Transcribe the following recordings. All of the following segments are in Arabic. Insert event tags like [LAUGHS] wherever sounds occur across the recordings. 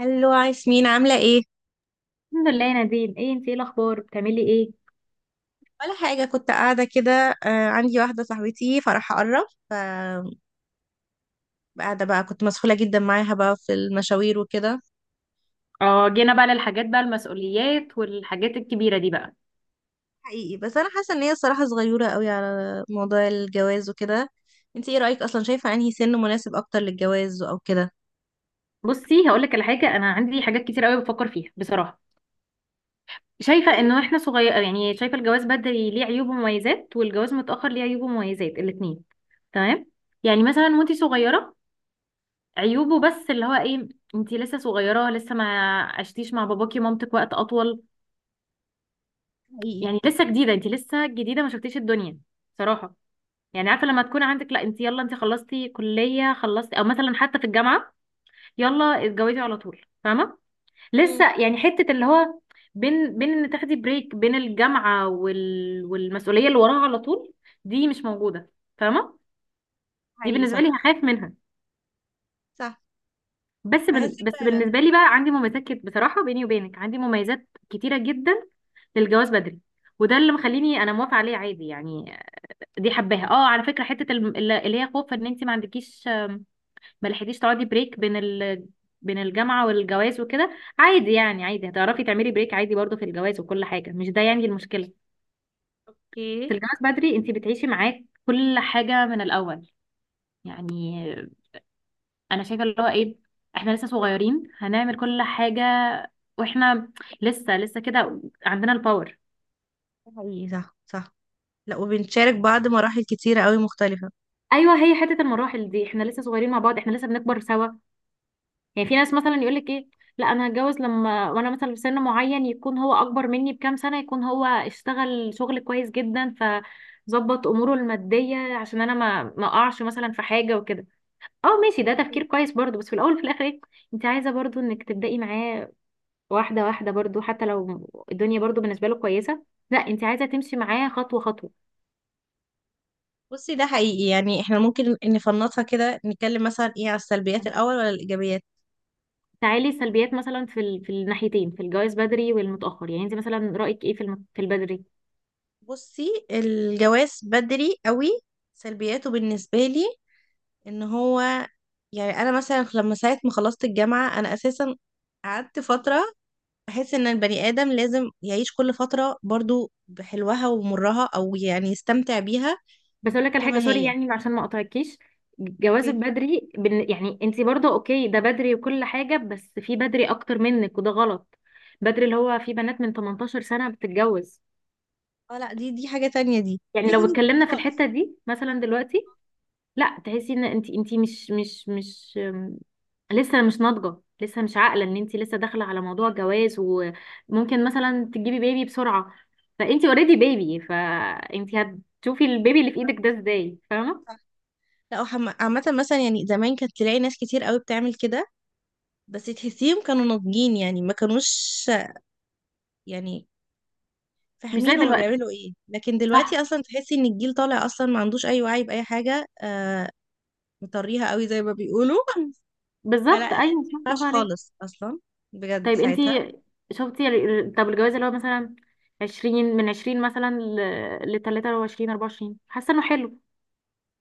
هلو ياسمين، عاملة ايه؟ الحمد لله يا نادين. ايه انت، ايه الاخبار، بتعملي ايه؟ ولا حاجة، كنت قاعدة كده. آه، عندي واحدة صاحبتي فرح أقرب، فقاعدة بقى كنت مسحولة جدا معاها بقى في المشاوير وكده. اه، جينا بقى للحاجات بقى، المسؤوليات والحاجات الكبيرة دي بقى. حقيقي، بس أنا حاسة إن هي الصراحة صغيرة قوي على موضوع الجواز وكده. انتي ايه رأيك أصلا؟ شايفة أنهي سن مناسب أكتر للجواز أو كده؟ بصي، هقول لك على حاجه، انا عندي حاجات كتير قوي بفكر فيها بصراحه. شايفه حقيقي. انه احنا صغير، يعني شايفه الجواز بدري ليه عيوب ومميزات، والجواز متاخر ليه عيوب ومميزات، الاثنين. تمام. يعني صح. مثلا وانت صغيره، عيوبه بس اللي هو ايه، انت لسه صغيره، لسه ما عشتيش مع باباكي ومامتك وقت اطول. حقيقي. يعني لسه جديده، انت لسه جديده، ما شفتيش الدنيا صراحه. يعني عارفه لما تكون عندك، لا انت يلا، انت خلصتي كليه، خلصتي او مثلا حتى في الجامعه، يلا اتجوزي على طول، فاهمه؟ لسه مم. يعني حته اللي هو بين بين، ان تاخدي بريك بين الجامعه والمسؤوليه اللي وراها على طول، دي مش موجوده، فاهمه؟ دي حقيقي، بالنسبه صح لي هخاف منها. صح. بحس بس فعلا. بالنسبه لي بقى عندي بصراحه بيني وبينك عندي مميزات كتيره جدا للجواز بدري، وده اللي مخليني انا موافقه عليه عادي يعني. دي حباها، اه، على فكره حته اللي هي خوف ان انت ما عندكيش، ما لحقتيش تقعدي بريك بين الجامعة والجواز وكده. عادي يعني، عادي هتعرفي تعملي بريك عادي برضه في الجواز وكل حاجة، مش ده يعني المشكلة. اوكي. في الجواز بدري انت بتعيشي معاه كل حاجة من الأول، يعني أنا شايفة اللي هو إيه، احنا لسه صغيرين، هنعمل كل حاجة واحنا لسه كده عندنا الباور. حقيقي، صح صح. لا، وبنشارك بعض مراحل كتيرة قوي مختلفة. ايوه، هي حته المراحل دي احنا لسه صغيرين مع بعض، احنا لسه بنكبر سوا. يعني في ناس مثلا يقول لك ايه، لا انا هتجوز لما وانا مثلا في سن معين، يكون هو اكبر مني بكام سنه، يكون هو اشتغل شغل كويس جدا، فظبط اموره الماديه عشان انا ما اقعش مثلا في حاجه وكده. اه ماشي، ده تفكير كويس برضو، بس في الاول وفي الاخر ايه؟ انت عايزه برضو انك تبدأي معاه واحده واحده، برضو حتى لو الدنيا برضو بالنسبه له كويسه، لا انت عايزه تمشي معاه خطوه خطوه. بصي، ده حقيقي، يعني احنا ممكن نفنطها كده، نتكلم مثلا ايه على السلبيات الاول ولا الايجابيات؟ تعالي سلبيات مثلا في الناحيتين، في الجواز بدري والمتأخر، يعني انت مثلا رأيك ايه في البدري؟ بصي، الجواز بدري قوي سلبياته بالنسبه لي ان هو، يعني انا مثلا لما ساعه ما خلصت الجامعه انا اساسا قعدت فتره. بحس ان البني ادم لازم يعيش كل فتره برضو بحلوها ومرها، او يعني يستمتع بيها بس اقول لك على حاجه، كما سوري هي. يعني عشان ما اقطعكيش، اوكي. جوازك بدري، يعني انت برضه اوكي ده بدري وكل حاجه، بس في بدري اكتر منك وده غلط. بدري اللي هو في بنات من 18 سنه بتتجوز، اه، لا، دي حاجه تانية، دي [LAUGHS] يعني دي لو حاجه اتكلمنا في خالص. الحته دي مثلا دلوقتي، لا تحسي ان انت مش لسه مش ناضجه، لسه مش عاقله، ان انت لسه داخله على موضوع جواز، وممكن مثلا تجيبي بيبي بسرعه، فانت اوريدي بيبي، فانت هتشوفي البيبي اللي في ايدك ده ازاي، فاهمه؟ لا عامة مثلا، يعني زمان كانت تلاقي ناس كتير قوي بتعمل كده، بس تحسيهم كانوا ناضجين يعني، ما كانوش يعني مش زي فاهمين هما دلوقتي، بيعملوا ايه، لكن صح، دلوقتي اصلا تحسي ان الجيل طالع اصلا ما عندوش اي وعي بأي حاجة. آه، مطريها قوي زي ما بيقولوا [LAUGHS] فلا، بالظبط، هي ما ايوه صح برافو ينفعش عليك. خالص اصلا بجد طيب انت ساعتها. شفتي طب الجواز اللي هو مثلا عشرين من عشرين مثلا، لتلاتة وعشرين أربعة وعشرين، حاسة انه حلو،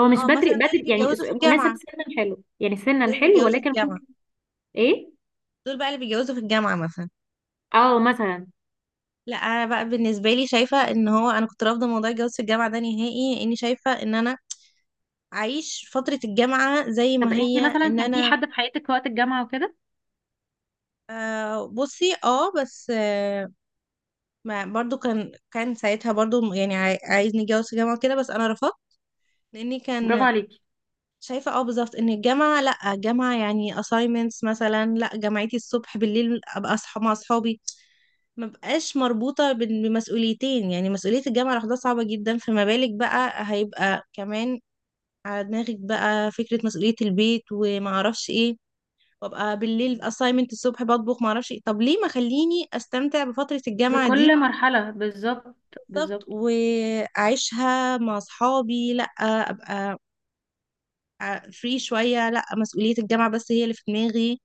هو مش اه مثلا بدري دول اللي بدري، يعني بيتجوزوا في مناسب، الجامعة، سنا حلو، يعني سنا دول اللي حلو، بيتجوزوا في ولكن الجامعة، ممكن ايه، دول بقى اللي بيتجوزوا في الجامعة مثلا. اه مثلا، لا انا بقى بالنسبة لي شايفة ان هو، انا كنت رافضة موضوع الجواز في الجامعة ده نهائي، اني شايفة ان انا اعيش فترة الجامعة زي طب ما انت هي، مثلا ان كان في انا... حد في حياتك وقت الجامعة وكده، آه، بصي، بس ما برضو كان ساعتها برضو يعني عايزني اتجوز في جامعة كده، بس انا رفضت لاني برافو كان عليكي، شايفة. اه، بالظبط، ان الجامعة لا جامعة يعني assignments مثلا، لا جامعتي الصبح بالليل ابقى اصحى مع اصحابي، ما بقاش مربوطة بمسؤوليتين. يعني مسؤولية الجامعة لوحدها صعبة جدا، فما بالك بقى هيبقى كمان على دماغك بقى فكرة مسؤولية البيت وما اعرفش ايه، وابقى بالليل assignment الصبح بطبخ، معرفش ايه. طب ليه ما خليني استمتع بفترة الجامعة دي؟ بكل مرحلة بالظبط، بالظبط، بالظبط. واعيشها مع اصحابي. لا، ابقى فري شوية، لا مسؤولية الجامعة بس هي اللي في دماغي.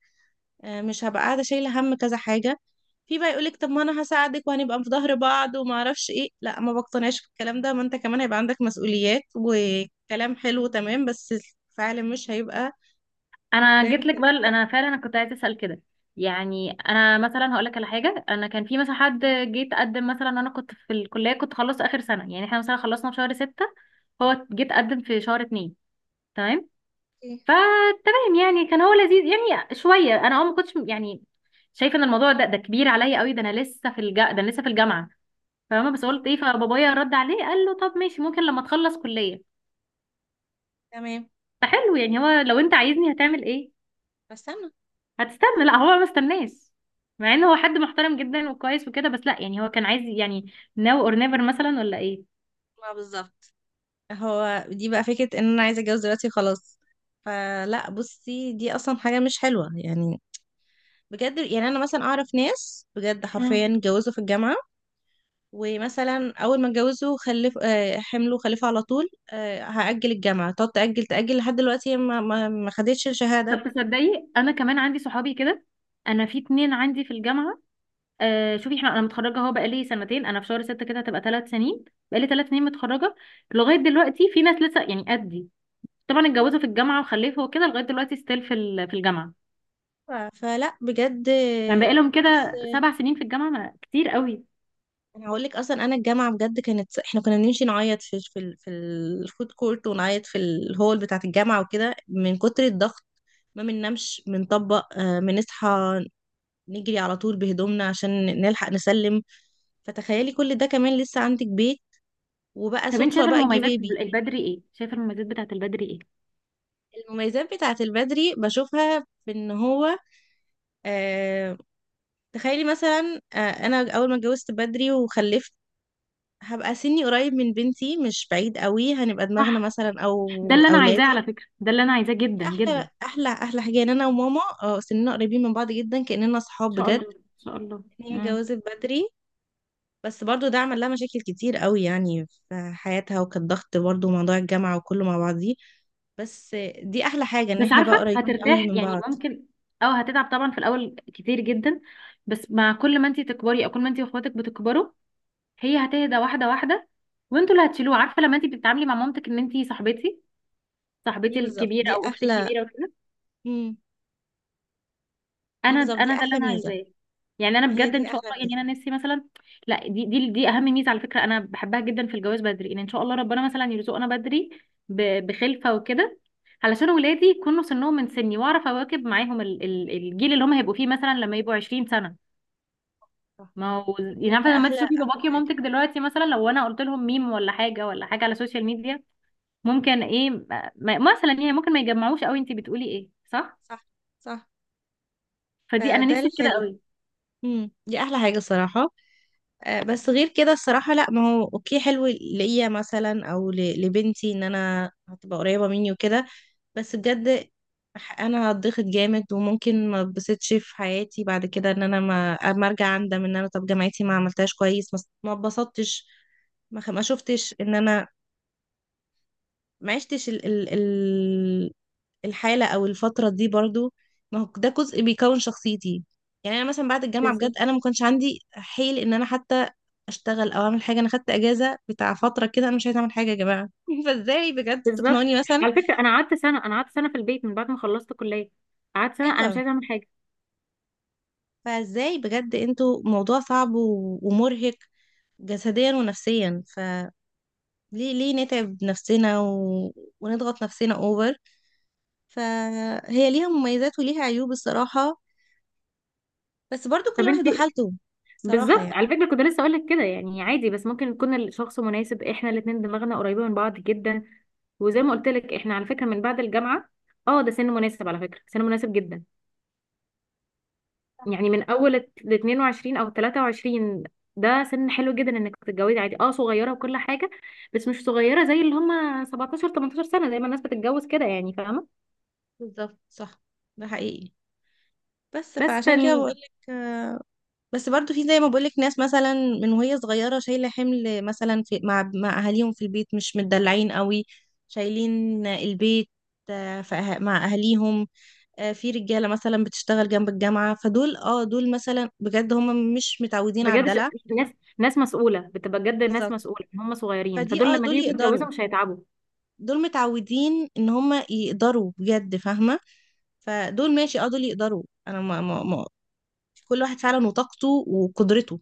مش هبقى قاعدة شايلة هم كذا حاجة. في بقى يقولك طب ما انا هساعدك وهنبقى في ظهر بعض وما اعرفش ايه. لا، ما بقتنعش بالكلام ده، ما انت كمان هيبقى عندك مسؤوليات وكلام حلو تمام، بس فعلا مش هيبقى انا زي ما جيت لك بقى، اتكلمنا. انا فعلا انا كنت عايزه اسال كده، يعني انا مثلا هقول لك على حاجه، انا كان في مثلا حد جه تقدم، مثلا انا كنت في الكليه، كنت خلصت اخر سنه، يعني احنا مثلا خلصنا في شهر ستة، هو جه تقدم في شهر اتنين، تمام، إيه، فتمام. يعني كان هو لذيذ يعني شويه، انا ما كنتش يعني شايفه ان الموضوع ده كبير عليا قوي، ده انا لسه في ده انا لسه في الجامعه، فاهمه؟ بس صح. قلت ايه، فبابايا رد عليه قال له طب ماشي ممكن لما تخلص كليه، تمام. فحلو يعني، هو لو انت عايزني هتعمل ايه، بس انا، هتستنى؟ لا، هو ما استناش، مع ان هو حد محترم جدا وكويس وكده، بس لا، يعني هو كان عايز يعني now or never مثلا ولا ايه. ما بالظبط، هو دي بقى فكرة ان انا عايزة اتجوز دلوقتي خلاص. فلا، بصي، دي اصلا حاجة مش حلوة يعني بجد. يعني انا مثلا اعرف ناس بجد حرفيا مم. اتجوزوا في الجامعة، ومثلا اول ما اتجوزوا خلف، آه، حملوا خلفوا على طول. آه، هأجل الجامعة تقعد تأجل تأجل لحد دلوقتي هي ما خدتش الشهادة. طب تصدقي، انا كمان عندي صحابي كده، انا في اتنين عندي في الجامعه. آه، شوفي، احنا انا متخرجه اهو بقالي سنتين، انا في شهر ستة كده هتبقى 3 سنين، بقالي ثلاث سنين متخرجه، لغايه دلوقتي في ناس لسه يعني قدي، طبعا اتجوزوا في الجامعه وخلفوا وكده، لغايه دلوقتي ستيل في الجامعه. فلا بجد. يعني بقالهم كده اصل 7 سنين في الجامعه، ما كتير قوي. انا هقول لك اصلا، انا الجامعه بجد كانت، احنا كنا بنمشي نعيط في في الفود كورت، ونعيط في الهول بتاعه الجامعه وكده من كتر الضغط. ما بننامش، بنطبق، آه، بنصحى نجري على طول بهدومنا عشان نلحق نسلم. فتخيلي كل ده كمان لسه عندك بيت، وبقى طب انت صدفه شايفه بقى جه المميزات بيبي. البدري ايه، شايفه المميزات بتاعت البدري ايه؟ المميزات بتاعه البدري بشوفها في ان هو، آه، تخيلي مثلا، آه، انا اول ما اتجوزت بدري وخلفت هبقى سني قريب من بنتي، مش بعيد قوي، هنبقى دماغنا صح، مثلا، ده او اللي انا عايزاه اولادي. على فكره، ده اللي انا عايزاه جدا جدا، احلى ان احلى احلى حاجه ان انا وماما، سننا قريبين من بعض جدا كاننا صحاب شاء بجد. الله ان شاء الله. ان هي مم. اتجوزت بدري، بس برضو ده عمل لها مشاكل كتير قوي يعني في حياتها، وكان ضغط برضو موضوع الجامعه وكله مع بعضيه. بس دي احلى حاجه ان بس احنا بقى عارفه قريبين قوي هترتاح من يعني بعض. ممكن، او هتتعب طبعا في الاول كتير جدا، بس مع كل ما انت تكبري، او كل ما انت واخواتك بتكبروا، هي هتهدى واحده واحده، وانتوا اللي هتشيلوه، عارفه لما انت بتتعاملي مع مامتك ان انت صاحبتي، دي صاحبتي بالظبط الكبيره دي او اختي احلى. الكبيره. مم. دي انا بالظبط دي انا ده اللي احلى انا ميزه. عايزاه، يعني انا هي بجد دي ان شاء احلى الله، يعني ميزه. انا نفسي مثلا، لا دي اهم ميزه على فكره، انا بحبها جدا في الجواز بدري، ان شاء الله ربنا مثلا يرزقنا بدري بخلفه وكده، علشان ولادي يكونوا سنهم من سني، واعرف اواكب معاهم الجيل اللي هم هيبقوا فيه مثلا لما يبقوا 20 سنه. صح. ما هو دي يعني بجد عارفه لما احلى تشوفي احلى باباكي حاجه. ومامتك دلوقتي مثلا، لو انا قلت لهم ميم ولا حاجه ولا حاجه على السوشيال ميديا، ممكن ايه مثلا يعني ممكن ما يجمعوش قوي، انت بتقولي ايه، صح، صح. صح. فدي انا فده نفسي في كده الحلو. قوي. دي احلى حاجه الصراحه. آه، بس غير كده الصراحه لا، ما هو اوكي حلو ليا مثلا او لبنتي، ان انا هتبقى قريبه مني وكده، بس بجد، انا هتضغط جامد وممكن ما اتبسطش في حياتي بعد كده، ان انا ما اما ارجع اندم، ان انا طب جامعتي ما عملتهاش كويس، ما اتبسطتش، ما شفتش ان انا ما عشتش ال ال الحالة أو الفترة دي برضو. ما هو ده جزء بيكون شخصيتي. يعني أنا مثلا بعد الجامعة بالظبط، بجد أنا ما كانش عندي حيل إن أنا حتى أشتغل أو أعمل حاجة. أنا خدت أجازة بتاع فترة كده، أنا مش عايزة أعمل حاجة يا جماعة [LAUGHS] فإزاي بجد بالظبط، تقنعوني مثلا؟ على فكره انا قعدت سنه، انا قعدت سنه في البيت من بعد ما خلصت كليه، قعدت سنه انا مش أيوه. عايزه اعمل حاجه. فإزاي بجد أنتوا، موضوع صعب ومرهق جسديا ونفسيا، فليه نتعب نفسنا ونضغط نفسنا أوفر؟ فهي ليها مميزات وليها عيوب الصراحة، بس برضو كل طب انت واحد وحالته صراحة بالظبط، يعني. على فكره كنت لسه اقول لك كده، يعني عادي، بس ممكن يكون الشخص مناسب، احنا الاثنين دماغنا قريبه من بعض جدا، وزي ما قلت لك احنا على فكره من بعد الجامعه، اه ده سن مناسب، على فكره سن مناسب جدا، يعني من اول ال 22 او 23، ده سن حلو جدا انك تتجوزي عادي، اه صغيره وكل حاجه، بس مش صغيره زي اللي هم 17 18 سنه زي ما الناس بتتجوز كده، يعني فاهمه. بالظبط. صح. ده حقيقي، بس بس فعشان كده بقولك، بس برضو في زي ما بقولك ناس مثلا من وهي صغيرة شايلة حمل مثلا في مع أهاليهم في البيت، مش متدلعين قوي، شايلين البيت، آه، في مع أهاليهم، آه، في رجالة مثلا بتشتغل جنب الجامعة، فدول، اه، دول مثلا بجد هم مش متعودين على بجد الدلع. ناس، ناس مسؤولة بتبقى بجد، ناس بالظبط. مسؤولة إن هم صغيرين، فدي، فدول اه، لما دول يجوا يقدروا، يتجوزوا مش هيتعبوا، دول متعودين ان هم يقدروا بجد فاهمة، فدول ماشي، اه، دول يقدروا. انا ما ما كل واحد فعلا وطاقته وقدرته.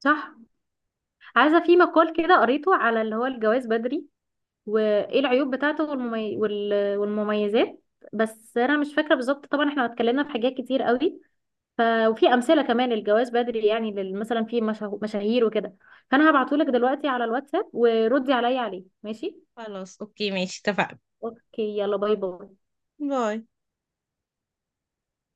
صح. عايزة في مقال كده قريته على اللي هو الجواز بدري، وايه العيوب بتاعته والمميزات، بس انا مش فاكرة بالظبط، طبعا احنا اتكلمنا في حاجات كتير قوي، ف... وفي امثلة كمان للجواز بدري، يعني مثلا في مشاهير وكده، فانا هبعتهولك دلوقتي على الواتساب وردي عليا عليه، ماشي خلاص، اوكي، ماشي، اتفقنا. اوكي، يلا باي باي. باي.